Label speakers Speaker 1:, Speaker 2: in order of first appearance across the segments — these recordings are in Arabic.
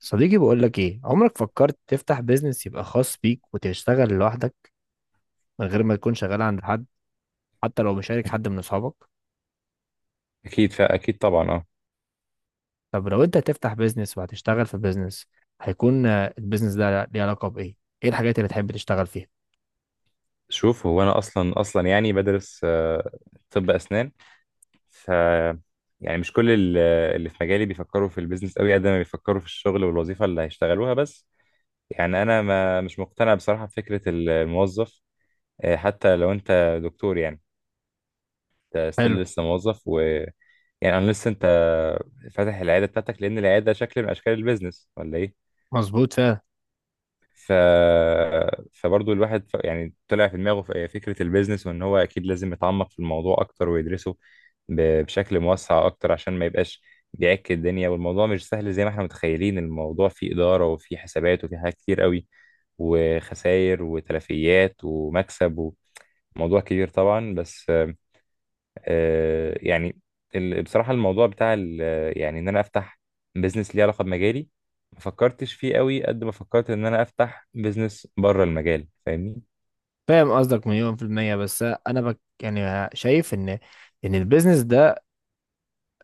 Speaker 1: صديقي بقول لك ايه؟ عمرك فكرت تفتح بيزنس يبقى خاص بيك وتشتغل لوحدك، من غير ما تكون شغال عند حد، حتى لو مشارك حد من اصحابك؟
Speaker 2: فاكيد طبعا، اه.
Speaker 1: طب لو انت هتفتح بيزنس وهتشتغل في بيزنس، هيكون البيزنس ده ليه علاقة بايه؟ ايه الحاجات اللي تحب تشتغل فيها؟
Speaker 2: شوف، هو انا اصلا اصلا يعني بدرس، طب اسنان. ف يعني مش كل ال- اللي في مجالي بيفكروا في البيزنس قوي قد ما بيفكروا في الشغل والوظيفه اللي هيشتغلوها بس. يعني انا ما مش مقتنع بصراحه بفكره الموظف. حتى لو انت دكتور، يعني انت
Speaker 1: حلو.
Speaker 2: ستيل لسه موظف. يعني انا لسه انت فاتح العياده بتاعتك لان العياده شكل من اشكال البيزنس ولا ايه؟
Speaker 1: مظبوط فعلا.
Speaker 2: ف... فبرضه الواحد يعني طلع في دماغه فكرة البيزنس، وان هو اكيد لازم يتعمق في الموضوع اكتر ويدرسه بشكل موسع اكتر عشان ما يبقاش بيعك الدنيا، والموضوع مش سهل زي ما احنا متخيلين. الموضوع فيه إدارة وفيه حسابات وفيه حاجات كتير قوي، وخسائر وتلفيات ومكسب، وموضوع كبير طبعا. بس يعني بصراحة الموضوع بتاع يعني إن أنا أفتح بيزنس ليه علاقة بمجالي ما فكرتش فيه قوي قد ما فكرت إن أنا أفتح بيزنس بره المجال، فاهمني؟
Speaker 1: فاهم قصدك، مليون في المية. بس انا بك يعني شايف ان البيزنس ده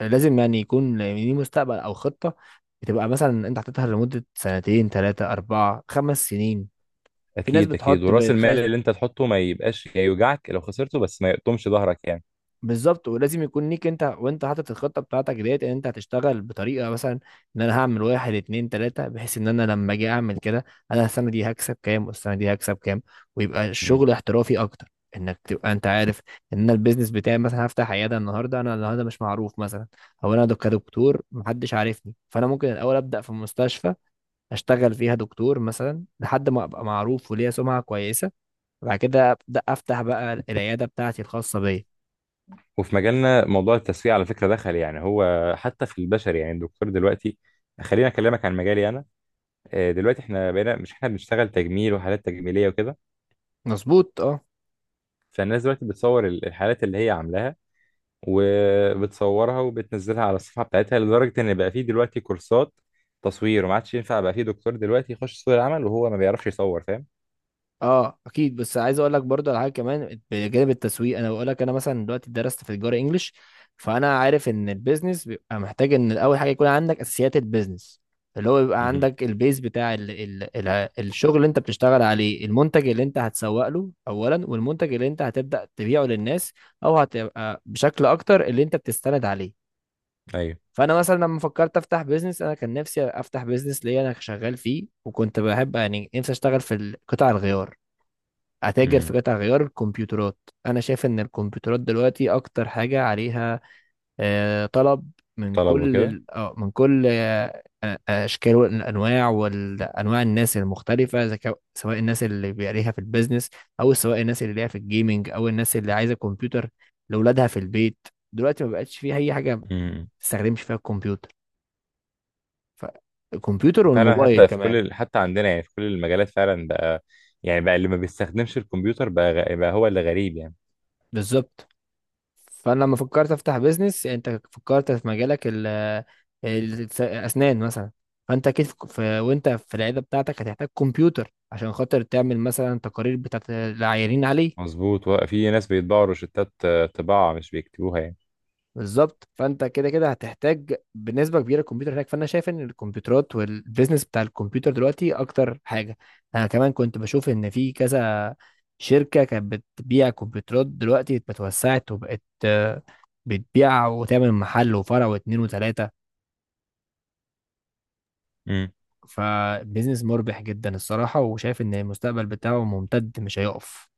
Speaker 1: لازم يعني يكون ليه مستقبل او خطة، بتبقى مثلا انت حاططها لمدة سنتين، ثلاثة، أربعة، خمس سنين. في ناس
Speaker 2: أكيد أكيد،
Speaker 1: بتحط
Speaker 2: ورأس المال اللي أنت تحطه ما يبقاش يوجعك لو خسرته بس ما يقطمش ظهرك يعني.
Speaker 1: بالظبط. ولازم يكون ليك انت وانت حاطط الخطه بتاعتك ديت، ان انت هتشتغل بطريقه، مثلا ان انا هعمل واحد اتنين تلاته، بحيث ان انا لما اجي اعمل كده انا السنه دي هكسب كام والسنه دي هكسب كام، ويبقى
Speaker 2: مم.
Speaker 1: الشغل احترافي اكتر، انك تبقى انت عارف ان انا البيزنس بتاعي مثلا هفتح عياده النهارده. انا النهارده مش معروف مثلا، او انا كدكتور محدش عارفني، فانا ممكن الاول ابدا في مستشفى اشتغل فيها دكتور مثلا لحد ما ابقى معروف وليا سمعه كويسه، وبعد كده ابدا افتح بقى العياده بتاعتي الخاصه بيا.
Speaker 2: وفي مجالنا موضوع التسويق على فكرة دخل، يعني هو حتى في البشري، يعني الدكتور دلوقتي. خلينا أكلمك عن مجالي أنا. دلوقتي إحنا بقينا مش، إحنا بنشتغل تجميل وحالات تجميلية وكده.
Speaker 1: مظبوط، اه.
Speaker 2: فالناس دلوقتي بتصور الحالات اللي هي عاملاها، وبتصورها وبتنزلها على الصفحة بتاعتها لدرجة إن بقى فيه دلوقتي كورسات تصوير. وما عادش ينفع بقى فيه دكتور دلوقتي يخش سوق العمل وهو ما بيعرفش يصور، فاهم؟
Speaker 1: اه، اكيد. بس عايز اقول لك برضه على حاجه كمان بجانب التسويق. انا بقول لك انا مثلا دلوقتي درست في تجاره انجلش، فانا عارف ان البيزنس بيبقى محتاج ان اول حاجه يكون عندك اساسيات البيزنس، اللي هو بيبقى
Speaker 2: مهم.
Speaker 1: عندك البيز بتاع ال الشغل اللي انت بتشتغل عليه، المنتج اللي انت هتسوق له اولا، والمنتج اللي انت هتبدا تبيعه للناس، او هتبقى بشكل اكتر اللي انت بتستند عليه.
Speaker 2: أيوه.
Speaker 1: فانا مثلا لما فكرت افتح بيزنس، انا كان نفسي افتح بيزنس ليا انا شغال فيه، وكنت بحب يعني نفسي اشتغل في قطاع الغيار، اتاجر في
Speaker 2: مم.
Speaker 1: قطع غيار الكمبيوترات. انا شايف ان الكمبيوترات دلوقتي اكتر حاجه عليها طلب، من
Speaker 2: طلبه
Speaker 1: كل
Speaker 2: كده.
Speaker 1: اشكال والانواع الناس المختلفه، إذا سواء الناس اللي بيعليها في البيزنس، او سواء الناس اللي ليها في الجيمنج، او الناس اللي عايزه كمبيوتر لاولادها في البيت. دلوقتي ما بقتش فيه اي حاجه ما
Speaker 2: مم.
Speaker 1: بتستخدمش فيها الكمبيوتر، فالكمبيوتر
Speaker 2: فعلا،
Speaker 1: والموبايل
Speaker 2: حتى في كل
Speaker 1: كمان.
Speaker 2: حتى عندنا يعني في كل المجالات فعلا بقى. يعني بقى اللي ما بيستخدمش الكمبيوتر بقى، بقى هو اللي غريب يعني.
Speaker 1: بالظبط. فانا لما فكرت افتح بيزنس، انت فكرت في مجالك الاسنان مثلا، فانت اكيد وانت في العياده بتاعتك هتحتاج كمبيوتر عشان خاطر تعمل مثلا تقارير بتاعت العيانين عليه.
Speaker 2: مظبوط، في ناس بيطبعوا روشتات، طباعة مش بيكتبوها يعني.
Speaker 1: بالظبط، فانت كده كده هتحتاج بنسبه كبيره الكمبيوتر هناك، فانا شايف ان الكمبيوترات والبيزنس بتاع الكمبيوتر دلوقتي اكتر حاجه. انا كمان كنت بشوف ان في كذا شركه كانت بتبيع كمبيوترات دلوقتي اتوسعت وبقت بتبيع وتعمل محل وفرع واتنين وتلاته.
Speaker 2: مم.
Speaker 1: فبيزنس مربح جدا الصراحة، وشايف ان المستقبل بتاعه ممتد مش هيقف.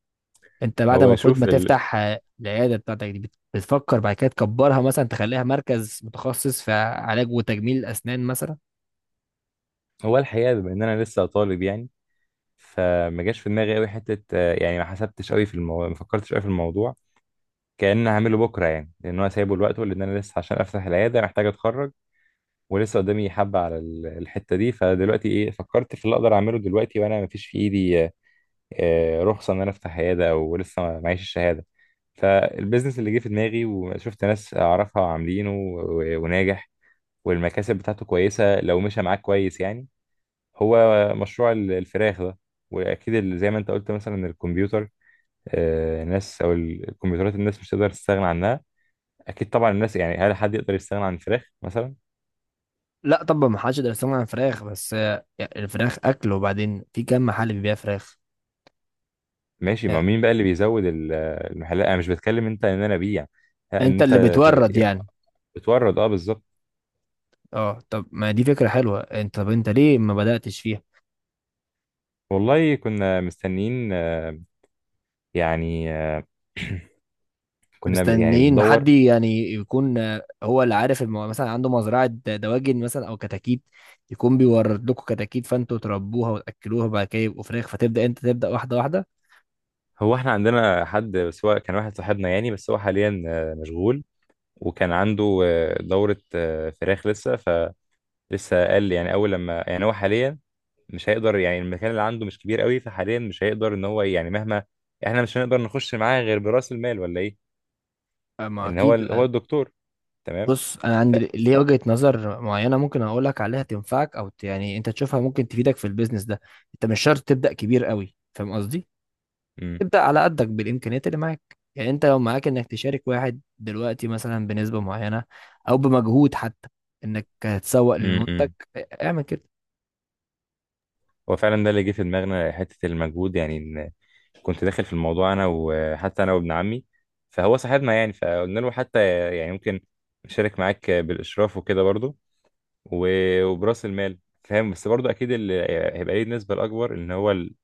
Speaker 1: انت بعد ما
Speaker 2: هو
Speaker 1: المفروض ما
Speaker 2: شوف
Speaker 1: تفتح العيادة بتاعتك دي بتفكر بعد كده تكبرها مثلا، تخليها مركز متخصص في علاج وتجميل الأسنان مثلا.
Speaker 2: هو الحقيقة بما إن أنا لسه طالب يعني، فما جاش في دماغي قوي حته. يعني ما حسبتش قوي في الموضوع، ما فكرتش قوي في الموضوع. كأن هعمله بكره يعني، لان هو سايبه لوقته، لان انا لسه عشان افتح العياده محتاج اتخرج. ولسه قدامي حبه على الحته دي. فدلوقتي ايه، فكرت في اللي اقدر اعمله دلوقتي، وانا ما فيش في ايدي رخصه ان انا افتح عياده، او لسه معيش الشهاده. فالبيزنس اللي جه في دماغي وشفت ناس اعرفها عاملينه وناجح، والمكاسب بتاعته كويسه لو مشى معاك كويس يعني، هو مشروع الفراخ ده. واكيد زي ما انت قلت مثلا الكمبيوتر، ناس او الكمبيوترات، الناس مش تقدر تستغنى عنها. اكيد طبعا. الناس يعني هل حد يقدر يستغنى عن الفراخ مثلا؟
Speaker 1: لا طبعا، ما حدش يقدر يستغنى عن فراخ، بس يعني الفراخ أكل، وبعدين في كم محل بيبيع فراخ.
Speaker 2: ماشي، ما
Speaker 1: آه،
Speaker 2: مين بقى اللي بيزود المحلات؟ انا مش بتكلم انت ان انا ابيع، لا، ان
Speaker 1: انت اللي
Speaker 2: انت
Speaker 1: بتورد
Speaker 2: تبقى
Speaker 1: يعني.
Speaker 2: بتورد، اه، بالظبط.
Speaker 1: اه، طب ما دي فكرة حلوة، طب انت ليه ما بدأتش فيها؟
Speaker 2: والله كنا مستنيين، يعني، كنا يعني
Speaker 1: مستنيين
Speaker 2: بندور.
Speaker 1: حد يعني يكون هو اللي عارف مثلا عنده مزرعة دواجن مثلا أو كتاكيت، يكون بيورد لكم كتاكيت فأنتوا تربوها وتأكلوها بعد كده يبقوا فراخ، أنت تبدأ واحدة واحدة.
Speaker 2: هو احنا عندنا حد بس هو كان واحد صاحبنا يعني، بس هو حاليا مشغول، وكان عنده دورة فراخ لسه. فلسه قال لي يعني اول لما، يعني هو حاليا مش هيقدر. يعني المكان اللي عنده مش كبير قوي، فحاليا مش هيقدر ان هو يعني، مهما، احنا مش هنقدر نخش معاه غير براس المال ولا ايه؟
Speaker 1: ما
Speaker 2: ان هو
Speaker 1: أكيد.
Speaker 2: هو الدكتور، تمام.
Speaker 1: بص، أنا
Speaker 2: ف
Speaker 1: عندي ليه وجهة نظر معينة ممكن أقول لك عليها، تنفعك أو يعني أنت تشوفها ممكن تفيدك في البيزنس ده. أنت مش شرط تبدأ كبير قوي، فاهم قصدي؟
Speaker 2: امم،
Speaker 1: ابدأ على قدك بالإمكانيات اللي معاك، يعني أنت لو معاك إنك تشارك واحد دلوقتي مثلا بنسبة معينة، أو بمجهود حتى إنك هتسوق للمنتج،
Speaker 2: امم.
Speaker 1: اعمل كده.
Speaker 2: هو فعلا ده اللي جه في دماغنا حته المجهود يعني، ان كنت داخل في الموضوع انا، وحتى انا وابن عمي. فهو صاحبنا يعني، فقلنا له حتى يعني ممكن نشارك معاك بالاشراف وكده برضو، وبراس المال، فاهم؟ بس برضو اكيد اللي هيبقى ليه النسبه الاكبر ان هو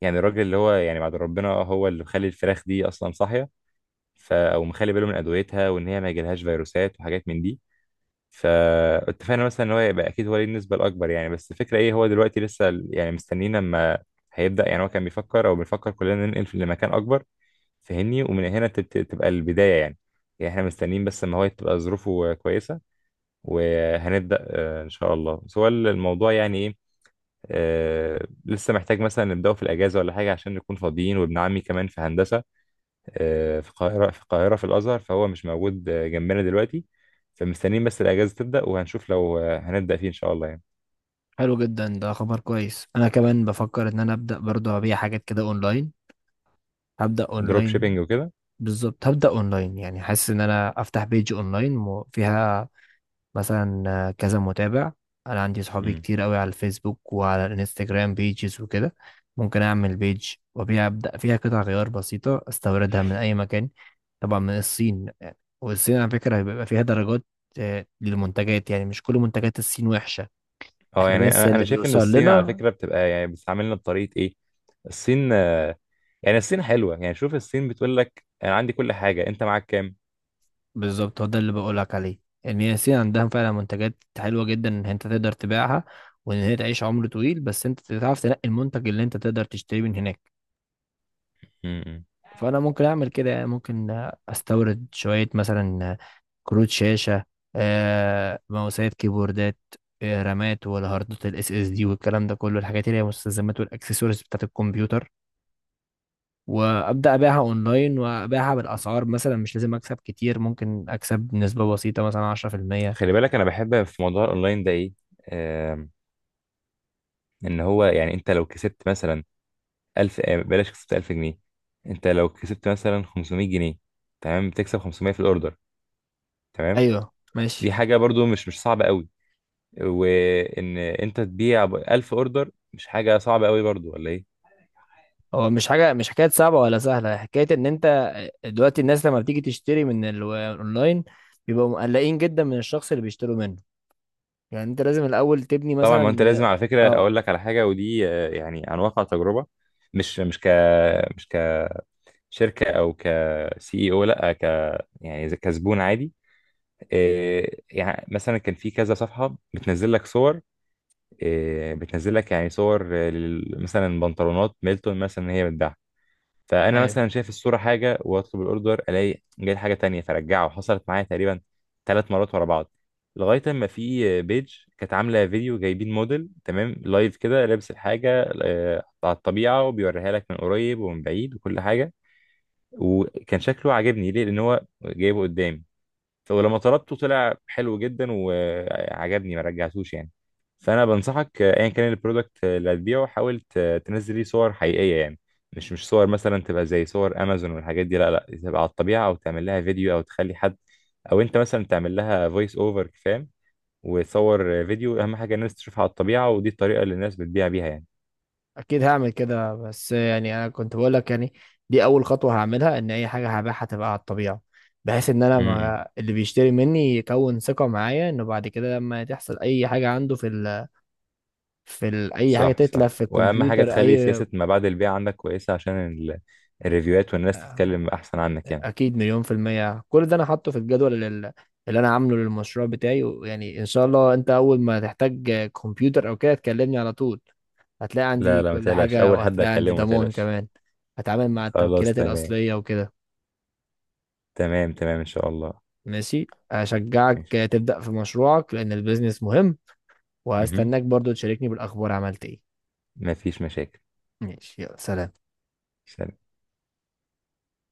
Speaker 2: يعني الراجل اللي هو، يعني بعد ربنا هو اللي مخلي الفراخ دي اصلا صاحيه، او مخلي باله من ادويتها وان هي ما يجيلهاش فيروسات وحاجات من دي. فاتفقنا مثلا ان هو يبقى اكيد هو ليه النسبه الاكبر يعني. بس الفكره ايه، هو دلوقتي لسه يعني مستنيين لما هيبدا. يعني هو كان بيفكر او بنفكر كلنا ننقل لمكان اكبر، فهمني؟ ومن هنا تبقى البدايه يعني. يعني احنا مستنيين بس ما هو تبقى ظروفه كويسه، وهنبدأ إن شاء الله. بس هو الموضوع يعني إيه، لسه محتاج مثلا نبدأه في الأجازة ولا حاجة عشان نكون فاضيين. وابن عمي كمان في هندسة في القاهرة، في الأزهر، فهو مش موجود جنبنا دلوقتي. فمستنيين بس الأجازة تبدأ، وهنشوف لو هنبدأ فيه إن شاء الله يعني.
Speaker 1: حلو جدا، ده خبر كويس. أنا كمان بفكر إن أنا أبدأ برضه أبيع حاجات كده أونلاين، هبدأ
Speaker 2: دروب
Speaker 1: أونلاين.
Speaker 2: شيبينج وكده.
Speaker 1: بالظبط، هبدأ أونلاين يعني، حاسس إن أنا أفتح بيج أونلاين وفيها مثلا كذا متابع، انا عندي صحابي
Speaker 2: مم.
Speaker 1: كتير قوي على الفيسبوك وعلى الانستجرام بيجز وكده. ممكن اعمل بيج وابيع، ابدا فيها قطع غيار بسيطه استوردها من اي مكان، طبعا من الصين. والصين على فكره بيبقى فيها درجات للمنتجات، يعني مش كل منتجات الصين وحشه.
Speaker 2: اه،
Speaker 1: احنا
Speaker 2: يعني
Speaker 1: بس
Speaker 2: انا
Speaker 1: اللي
Speaker 2: شايف ان
Speaker 1: بيوصل
Speaker 2: الصين على
Speaker 1: لنا.
Speaker 2: فكره بتبقى يعني بتستعملنا بطريقه ايه. الصين، يعني الصين حلوه يعني. شوف، الصين بتقول لك انا عندي كل حاجه انت معاك
Speaker 1: بالظبط، هو ده اللي بقولك عليه، ان هي الصين عندها فعلا منتجات حلوه جدا ان انت تقدر تبيعها وان هي تعيش عمر طويل، بس انت تعرف تنقي المنتج اللي انت تقدر تشتريه من هناك.
Speaker 2: كام.
Speaker 1: فانا ممكن اعمل كده، يعني ممكن استورد شويه مثلا كروت شاشه، ماوسات، كيبوردات، رامات، والهاردات الاس اس دي والكلام ده كله، الحاجات اللي هي مستلزمات والاكسسوارز بتاعت الكمبيوتر. وابدا ابيعها اونلاين وابيعها بالاسعار، مثلا مش لازم اكسب كتير، ممكن اكسب نسبه بسيطه مثلا 10%.
Speaker 2: خلي بالك، انا بحب في موضوع الاونلاين ده ايه؟ آم، ان هو يعني انت لو كسبت مثلا 1000، بلاش، كسبت 1000 جنيه، انت لو كسبت مثلا 500 جنيه، تمام، بتكسب 500 في الاوردر، تمام.
Speaker 1: ايوه،
Speaker 2: دي
Speaker 1: ماشي.
Speaker 2: حاجه برضو مش صعبه قوي. وان انت تبيع ب 1000 اوردر مش حاجه صعبه قوي برضو ولا ايه؟
Speaker 1: هو مش حاجه، مش حكايه صعبه ولا سهله، حكايه ان انت دلوقتي الناس لما بتيجي تشتري من الاونلاين بيبقوا مقلقين جدا من الشخص اللي بيشتروا منه، يعني انت لازم الاول تبني
Speaker 2: طبعا، ما
Speaker 1: مثلا.
Speaker 2: انت لازم، على فكره اقول
Speaker 1: اه،
Speaker 2: لك على حاجه ودي يعني عن واقع تجربه. مش مش ك مش كشركه او كسي اي، او لا، يعني زي كزبون عادي. يعني مثلا كان في كذا صفحة بتنزل لك صور، بتنزل لك يعني صور، مثلا بنطلونات ميلتون مثلا إن هي بتباع. فأنا
Speaker 1: ايوه.
Speaker 2: مثلا شايف الصورة حاجة وأطلب الأوردر ألاقي جاي حاجة تانية. فرجعه حصلت معايا تقريبا 3 مرات ورا بعض. لغاية ما في بيج كانت عاملة فيديو، جايبين موديل تمام لايف كده لابس الحاجة على الطبيعة، وبيوريها لك من قريب ومن بعيد وكل حاجة. وكان شكله عاجبني ليه، لأن هو جايبه قدامي. ولما طلبته طلع حلو جدا وعجبني، ما رجعتوش يعني. فانا بنصحك ايا كان البرودكت اللي هتبيعه، حاول تنزل ليه صور حقيقيه يعني. مش صور مثلا تبقى زي صور امازون والحاجات دي، لا لا، تبقى على الطبيعه، او تعمل لها فيديو، او تخلي حد، او انت مثلا تعمل لها فويس اوفر، فاهم؟ وتصور فيديو. اهم حاجه الناس تشوفها على الطبيعه، ودي الطريقه اللي الناس بتبيع بيها يعني.
Speaker 1: اكيد هعمل كده، بس يعني انا كنت بقول لك يعني دي اول خطوه هعملها، ان اي حاجه هبيعها تبقى على الطبيعه، بحيث ان انا،
Speaker 2: امم.
Speaker 1: ما اللي بيشتري مني يكون ثقه معايا، انه بعد كده لما تحصل اي حاجه عنده في اي حاجه
Speaker 2: صح
Speaker 1: تتلف
Speaker 2: صح،
Speaker 1: في
Speaker 2: واهم حاجه
Speaker 1: الكمبيوتر
Speaker 2: تخلي
Speaker 1: اي.
Speaker 2: سياسه ما بعد البيع عندك كويسه عشان الريفيوهات، والناس تتكلم احسن عنك يعني.
Speaker 1: اكيد، مليون في المية، كل ده انا حاطه في الجدول اللي انا عامله للمشروع بتاعي. ويعني ان شاء الله انت اول ما تحتاج كمبيوتر او كده تكلمني على طول، هتلاقي
Speaker 2: لا
Speaker 1: عندي
Speaker 2: لا، ما
Speaker 1: كل
Speaker 2: تقلقش،
Speaker 1: حاجة
Speaker 2: اول حد
Speaker 1: وهتلاقي عندي
Speaker 2: اكلمه، ما
Speaker 1: ضمان
Speaker 2: تقلقش.
Speaker 1: كمان، هتعامل مع
Speaker 2: خلاص،
Speaker 1: التوكيلات
Speaker 2: تمام.
Speaker 1: الأصلية وكده.
Speaker 2: تمام ان شاء الله.
Speaker 1: ماشي، أشجعك
Speaker 2: ماشي.
Speaker 1: تبدأ في مشروعك لأن البيزنس مهم،
Speaker 2: مهم.
Speaker 1: وهستناك برضو تشاركني بالأخبار عملت إيه.
Speaker 2: ما فيش مشاكل.
Speaker 1: ماشي، يلا سلام.
Speaker 2: سلام.